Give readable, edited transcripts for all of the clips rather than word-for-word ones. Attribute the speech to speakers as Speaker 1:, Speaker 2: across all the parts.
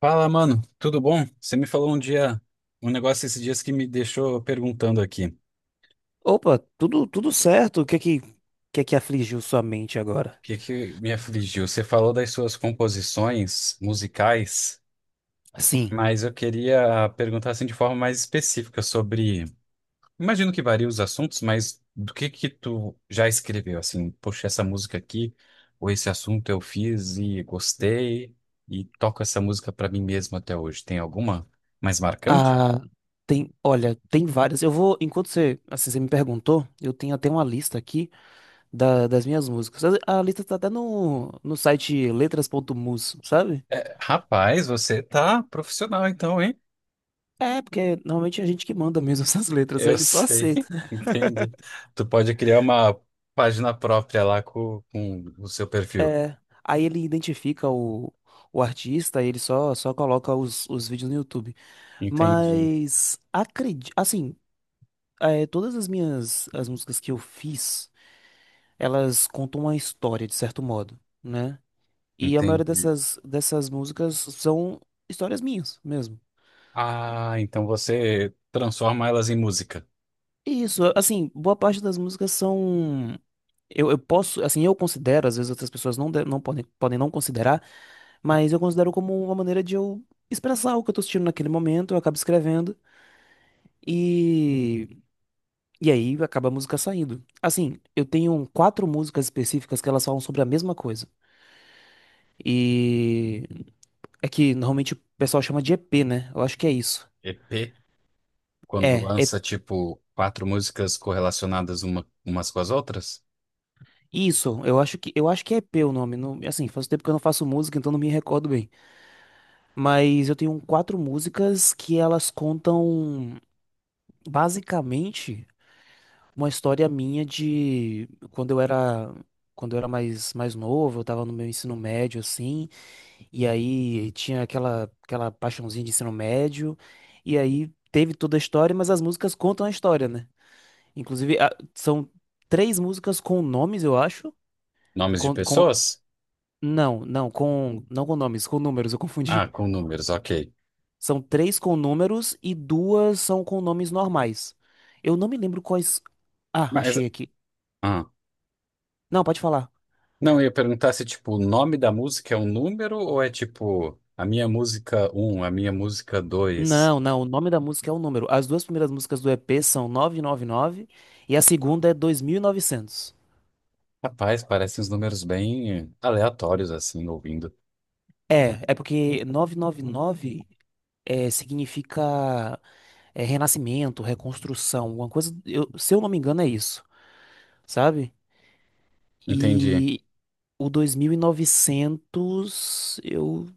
Speaker 1: Fala, mano, tudo bom? Você me falou um dia, um negócio esses dias que me deixou perguntando aqui. O
Speaker 2: Opa, tudo certo. O que é que afligiu sua mente agora?
Speaker 1: que que me afligiu? Você falou das suas composições musicais,
Speaker 2: Assim,
Speaker 1: mas eu queria perguntar assim de forma mais específica imagino que varia os assuntos, mas do que tu já escreveu assim? Poxa, essa música aqui, ou esse assunto eu fiz e gostei e toco essa música pra mim mesmo até hoje. Tem alguma mais marcante?
Speaker 2: ah, tem, olha, tem várias. Enquanto você, assim, você me perguntou, eu tenho até uma lista aqui das minhas músicas. A lista tá até no site letras.mus, sabe?
Speaker 1: É, rapaz, você tá profissional então, hein?
Speaker 2: É, porque normalmente é a gente que manda mesmo essas letras, aí
Speaker 1: Eu
Speaker 2: ele só
Speaker 1: sei,
Speaker 2: aceita.
Speaker 1: entendi. Tu pode criar uma página própria lá com o seu perfil.
Speaker 2: É, aí ele identifica o artista, aí ele só coloca os vídeos no YouTube.
Speaker 1: Entendi,
Speaker 2: Mas acredito, todas as minhas as músicas que eu fiz, elas contam uma história, de certo modo, né? E a maioria
Speaker 1: entendi.
Speaker 2: dessas músicas são histórias minhas mesmo.
Speaker 1: Ah, então você transforma elas em música.
Speaker 2: E isso, assim, boa parte das músicas são. Eu posso, assim, eu considero, às vezes outras pessoas não, não podem não considerar, mas eu considero como uma maneira de eu expressar o que eu tô sentindo naquele momento, eu acabo escrevendo e, e aí acaba a música saindo. Assim, eu tenho quatro músicas específicas que elas falam sobre a mesma coisa. E é que normalmente o pessoal chama de EP, né? Eu acho que é isso.
Speaker 1: EP, quando
Speaker 2: É, é
Speaker 1: lança tipo quatro músicas correlacionadas umas com as outras?
Speaker 2: isso. Eu acho que é EP o nome. Não, assim, faz tempo que eu não faço música, então não me recordo bem. Mas eu tenho quatro músicas que elas contam basicamente uma história minha de quando eu era mais novo. Eu tava no meu ensino médio assim, e aí tinha aquela paixãozinha de ensino médio, e aí teve toda a história, mas as músicas contam a história, né? Inclusive, são três músicas com nomes, eu acho.
Speaker 1: Nomes de
Speaker 2: Com, com-
Speaker 1: pessoas?
Speaker 2: não, não, não com nomes, com números, eu
Speaker 1: Ah,
Speaker 2: confundi.
Speaker 1: com números, ok.
Speaker 2: São três com números e duas são com nomes normais. Eu não me lembro quais. Ah,
Speaker 1: Mas,
Speaker 2: achei aqui.
Speaker 1: ah,
Speaker 2: Não, pode falar.
Speaker 1: não, eu ia perguntar se tipo o nome da música é um número ou é tipo a minha música um, a minha música 2.
Speaker 2: Não, não, o nome da música é o número. As duas primeiras músicas do EP são 999 e 99, e a segunda é 2900.
Speaker 1: Rapaz, parecem uns números bem aleatórios, assim, ouvindo.
Speaker 2: É, é porque 999 significa, renascimento, reconstrução, uma coisa. Se eu não me engano, é isso, sabe?
Speaker 1: Entendi.
Speaker 2: E o 2900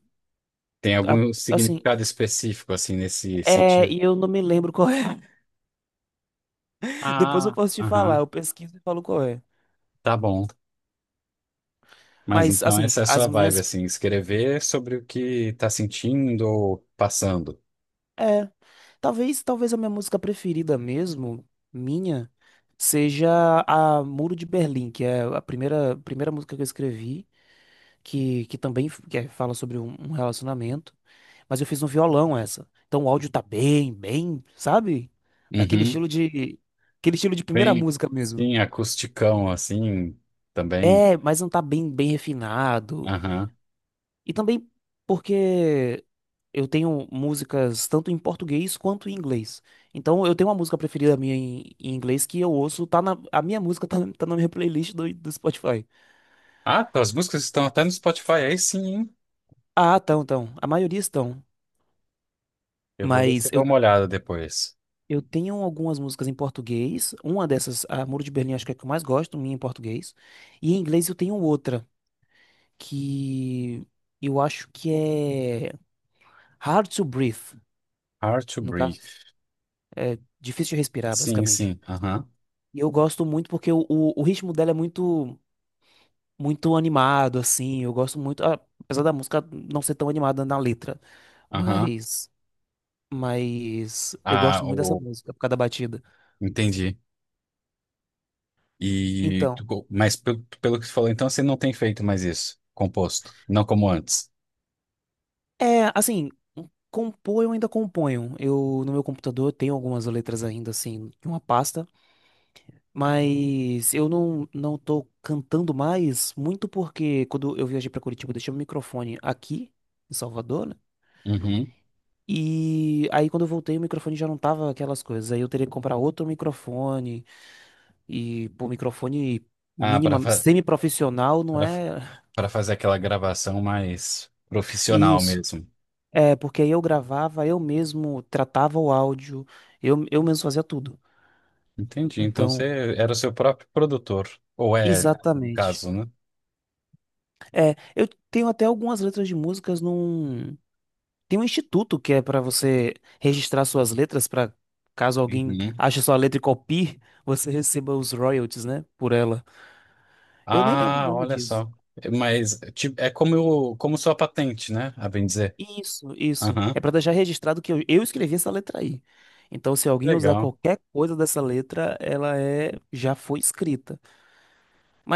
Speaker 1: Tem
Speaker 2: a-
Speaker 1: algum
Speaker 2: assim,
Speaker 1: significado específico, assim, nesse sentido?
Speaker 2: e eu não me lembro qual é. Depois eu
Speaker 1: Ah,
Speaker 2: posso te falar,
Speaker 1: aham,
Speaker 2: eu pesquiso e falo qual é.
Speaker 1: tá bom. Mas
Speaker 2: Mas,
Speaker 1: então
Speaker 2: assim,
Speaker 1: essa é a
Speaker 2: as
Speaker 1: sua vibe,
Speaker 2: minhas,
Speaker 1: assim, escrever sobre o que tá sentindo ou passando.
Speaker 2: é, talvez a minha música preferida mesmo, minha, seja a Muro de Berlim, que é a primeira música que eu escrevi, que também fala sobre um relacionamento, mas eu fiz no violão essa. Então o áudio tá bem, bem, sabe? Daquele
Speaker 1: Uhum.
Speaker 2: estilo de, aquele estilo de primeira
Speaker 1: Bem,
Speaker 2: música mesmo.
Speaker 1: sim, acusticão, assim, também.
Speaker 2: É, mas não tá bem, bem refinado.
Speaker 1: Aham.
Speaker 2: E também porque eu tenho músicas tanto em português quanto em inglês. Então eu tenho uma música preferida minha em inglês que eu ouço. Tá na, a minha música tá, na- Tá na minha playlist do Spotify.
Speaker 1: Ah, tuas músicas estão até no Spotify, aí sim, hein?
Speaker 2: Ah, estão, estão. A maioria estão.
Speaker 1: Eu vou ver se
Speaker 2: Mas
Speaker 1: eu dou
Speaker 2: eu
Speaker 1: uma olhada depois.
Speaker 2: Eu tenho algumas músicas em português. Uma dessas, a Muro de Berlim, acho que é a que eu mais gosto, minha em português. E em inglês eu tenho outra, que eu acho que é Hard to Breathe,
Speaker 1: Hard to
Speaker 2: no
Speaker 1: Breathe.
Speaker 2: caso, difícil de respirar,
Speaker 1: Sim,
Speaker 2: basicamente.
Speaker 1: sim, aham,
Speaker 2: E eu gosto muito porque o ritmo dela é muito, muito animado, assim. Eu gosto muito, ah, apesar da música não ser tão animada na letra,
Speaker 1: aham.
Speaker 2: mas, mas eu
Speaker 1: Ah,
Speaker 2: gosto muito dessa música por causa da batida.
Speaker 1: entendi. E
Speaker 2: Então.
Speaker 1: tu co- mas pelo que tu falou, então você não tem feito mais isso, composto, não como antes.
Speaker 2: É, assim, compor eu ainda componho. Eu, no meu computador, tenho algumas letras ainda, assim, de uma pasta, mas eu não tô cantando mais, muito porque quando eu viajei pra Curitiba, eu deixei o microfone aqui, em Salvador, né?
Speaker 1: Uhum.
Speaker 2: E aí, quando eu voltei, o microfone já não tava aquelas coisas. Aí eu teria que comprar outro microfone, e, pô, microfone
Speaker 1: Ah, para
Speaker 2: mínima,
Speaker 1: fa
Speaker 2: semi-profissional, não
Speaker 1: para
Speaker 2: é
Speaker 1: para fazer aquela gravação mais profissional
Speaker 2: isso.
Speaker 1: mesmo.
Speaker 2: É, porque aí eu gravava, eu mesmo tratava o áudio, eu mesmo fazia tudo.
Speaker 1: Entendi. Então
Speaker 2: Então,
Speaker 1: você era o seu próprio produtor, ou é, no
Speaker 2: exatamente.
Speaker 1: caso, né?
Speaker 2: É, eu tenho até algumas letras de músicas num. Tem um instituto que é para você registrar suas letras para caso alguém
Speaker 1: Uhum.
Speaker 2: ache sua letra e copie, você receba os royalties, né, por ela. Eu nem lembro o
Speaker 1: Ah,
Speaker 2: nome
Speaker 1: olha
Speaker 2: disso.
Speaker 1: só. Mas tipo, é como eu, como sua patente, né? A bem dizer.
Speaker 2: Isso, isso.
Speaker 1: Aham.
Speaker 2: É para deixar registrado que eu escrevi essa letra aí. Então, se alguém usar
Speaker 1: Legal.
Speaker 2: qualquer coisa dessa letra, ela é já foi escrita.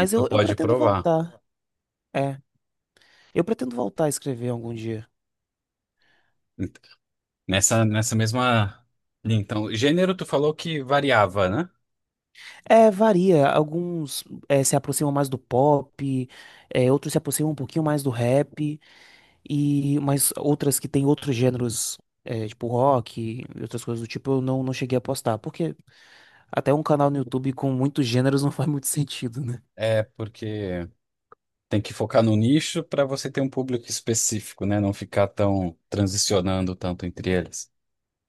Speaker 1: E tu
Speaker 2: eu
Speaker 1: pode
Speaker 2: pretendo
Speaker 1: provar.
Speaker 2: voltar. É, eu pretendo voltar a escrever algum dia.
Speaker 1: Nessa mesma linha. Então, gênero, tu falou que variava, né?
Speaker 2: É, varia. Alguns se aproximam mais do pop, outros se aproximam um pouquinho mais do rap, e mas outras que têm outros gêneros, tipo rock e outras coisas do tipo, eu não, não cheguei a postar, porque até um canal no YouTube com muitos gêneros não faz muito sentido, né?
Speaker 1: É porque tem que focar no nicho para você ter um público específico, né? Não ficar tão transicionando tanto entre eles.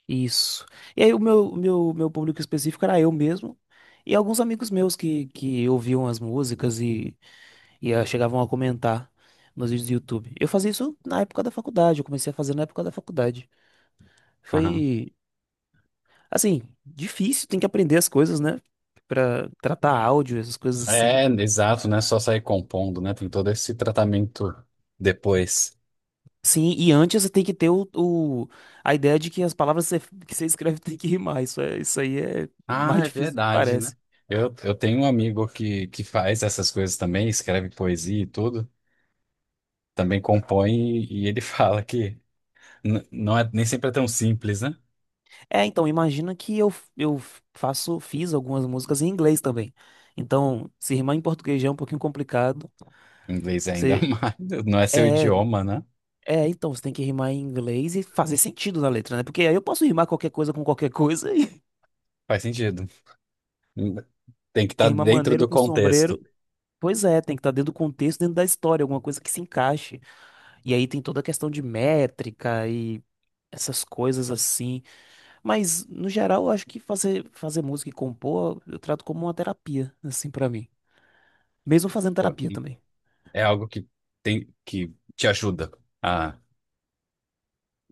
Speaker 2: Isso. E aí o meu público específico era eu mesmo e alguns amigos meus que ouviam as músicas e, chegavam a comentar nos vídeos do YouTube. Eu fazia isso na época da faculdade, eu comecei a fazer na época da faculdade.
Speaker 1: Aham.
Speaker 2: Foi, assim, difícil, tem que aprender as coisas, né? Pra tratar áudio, essas coisas assim.
Speaker 1: É, exato, né? Só sair compondo, né? Tem todo esse tratamento depois.
Speaker 2: Sim, e antes você tem que ter o, a ideia de que as palavras que você escreve tem que rimar. Isso, é, isso aí é
Speaker 1: Ah,
Speaker 2: mais
Speaker 1: é
Speaker 2: difícil do que
Speaker 1: verdade, né?
Speaker 2: parece.
Speaker 1: Eu tenho um amigo que faz essas coisas também, escreve poesia e tudo, também compõe, e ele fala que n- não é, nem sempre é tão simples, né?
Speaker 2: É, então, imagina que eu faço, fiz algumas músicas em inglês também. Então, se rimar em português já é um pouquinho complicado.
Speaker 1: Inglês ainda
Speaker 2: Você,
Speaker 1: mais. Não é seu
Speaker 2: é,
Speaker 1: idioma, né?
Speaker 2: então, você tem que rimar em inglês e fazer sentido na letra, né? Porque aí eu posso rimar qualquer coisa com qualquer coisa e
Speaker 1: Faz sentido. Tem que estar
Speaker 2: rimar
Speaker 1: dentro
Speaker 2: maneiro
Speaker 1: do
Speaker 2: com
Speaker 1: contexto.
Speaker 2: sombreiro. Pois é, tem que estar dentro do contexto, dentro da história, alguma coisa que se encaixe. E aí tem toda a questão de métrica e essas coisas assim. Mas, no geral, eu acho que fazer, fazer música e compor, eu trato como uma terapia, assim, pra mim. Mesmo fazendo
Speaker 1: Pô,
Speaker 2: terapia também.
Speaker 1: é algo que tem que te ajuda a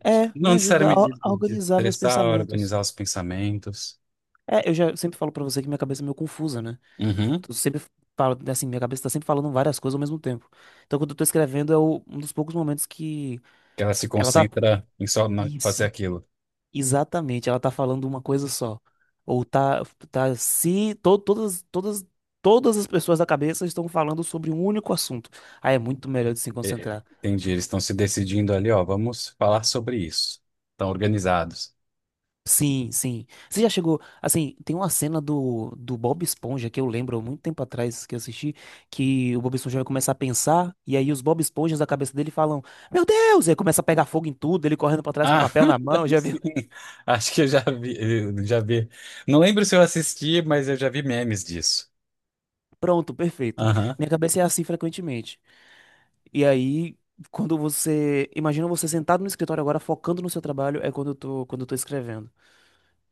Speaker 2: É, me
Speaker 1: não
Speaker 2: ajuda
Speaker 1: necessariamente
Speaker 2: a organizar meus
Speaker 1: destressar,
Speaker 2: pensamentos.
Speaker 1: organizar os pensamentos.
Speaker 2: É, eu já sempre falo pra você que minha cabeça é meio confusa, né?
Speaker 1: Uhum.
Speaker 2: Eu sempre falo, assim, minha cabeça tá sempre falando várias coisas ao mesmo tempo. Então, quando eu tô escrevendo, é um dos poucos momentos que
Speaker 1: Que ela se
Speaker 2: ela tá.
Speaker 1: concentra em só na- fazer
Speaker 2: Isso.
Speaker 1: aquilo.
Speaker 2: Exatamente, ela tá falando uma coisa só. Ou tá, tá se to- todas, todas, todas as pessoas da cabeça estão falando sobre um único assunto. Aí é muito melhor de se
Speaker 1: É, é,
Speaker 2: concentrar.
Speaker 1: entendi. Eles estão se decidindo ali, ó, vamos falar sobre isso. Estão organizados.
Speaker 2: Sim, sim. Você já chegou, assim, tem uma cena do, do Bob Esponja que eu lembro há muito tempo atrás que eu assisti, que o Bob Esponja vai começar a pensar e aí os Bob Esponjas da cabeça dele falam: "Meu Deus!" E aí começa a pegar fogo em tudo, ele correndo pra trás com
Speaker 1: Ah,
Speaker 2: papel na mão, já viu?
Speaker 1: sim. Acho que eu já vi, eu já vi. Não lembro se eu assisti, mas eu já vi memes disso.
Speaker 2: Pronto, perfeito.
Speaker 1: Aham.
Speaker 2: Minha cabeça é assim frequentemente. E aí, quando você. Imagina você sentado no escritório agora, focando no seu trabalho, é quando eu tô escrevendo.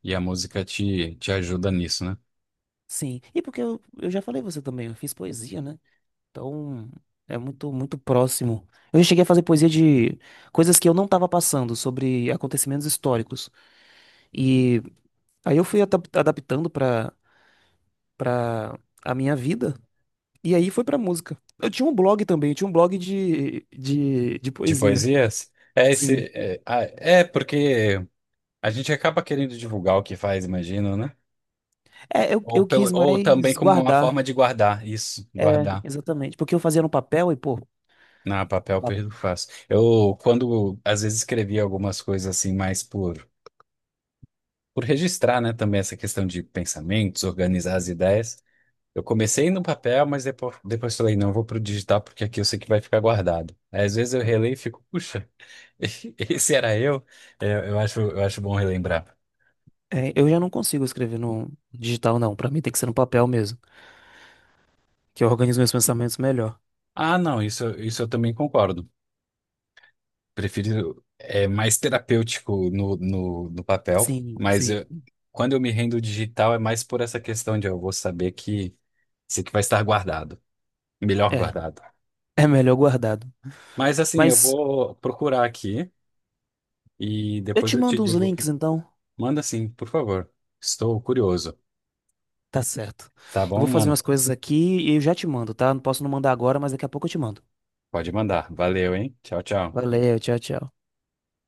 Speaker 1: E a música te ajuda nisso, né?
Speaker 2: Sim. E porque eu já falei você também, eu fiz poesia, né? Então, é muito, muito próximo. Eu já cheguei a fazer poesia de coisas que eu não tava passando, sobre acontecimentos históricos. E aí eu fui adaptando pra, pra a minha vida. E aí foi pra música. Eu tinha um blog também, eu tinha um blog de
Speaker 1: De
Speaker 2: poesia.
Speaker 1: poesias? É
Speaker 2: Sim.
Speaker 1: esse. É, ah, é porque a gente acaba querendo divulgar o que faz, imagino, né?
Speaker 2: É, eu,
Speaker 1: Ou,
Speaker 2: eu
Speaker 1: pelo,
Speaker 2: quis
Speaker 1: ou também
Speaker 2: mais
Speaker 1: como uma forma
Speaker 2: guardar.
Speaker 1: de guardar isso,
Speaker 2: É,
Speaker 1: guardar.
Speaker 2: exatamente. Porque eu fazia no papel e, pô,
Speaker 1: Na papel,
Speaker 2: pa-
Speaker 1: perdo fácil. Eu, quando às vezes escrevi algumas coisas assim, mais por registrar, né? Também essa questão de pensamentos, organizar as ideias. Eu comecei no papel, mas depois falei, não, eu vou pro digital porque aqui eu sei que vai ficar guardado. Aí, às vezes eu releio e fico, puxa, esse era eu. É, eu acho bom relembrar.
Speaker 2: é, eu já não consigo escrever no digital, não. Pra mim tem que ser no, papel mesmo, que eu organizo meus pensamentos melhor.
Speaker 1: Ah, não, isso eu também concordo. Prefiro, é mais terapêutico no papel,
Speaker 2: Sim,
Speaker 1: mas
Speaker 2: sim.
Speaker 1: eu- quando eu me rendo digital é mais por essa questão de eu vou saber que sei que vai estar guardado, melhor
Speaker 2: É,
Speaker 1: guardado.
Speaker 2: é melhor guardado.
Speaker 1: Mas assim, eu
Speaker 2: Mas
Speaker 1: vou procurar aqui e
Speaker 2: eu
Speaker 1: depois
Speaker 2: te
Speaker 1: eu te
Speaker 2: mando uns
Speaker 1: digo.
Speaker 2: links, então.
Speaker 1: Manda sim, por favor. Estou curioso.
Speaker 2: Tá certo.
Speaker 1: Tá
Speaker 2: Eu
Speaker 1: bom,
Speaker 2: vou fazer
Speaker 1: mano?
Speaker 2: umas coisas aqui e eu já te mando, tá? Não posso não mandar agora, mas daqui a pouco eu te mando.
Speaker 1: Pode mandar. Valeu, hein? Tchau, tchau.
Speaker 2: Valeu, tchau, tchau.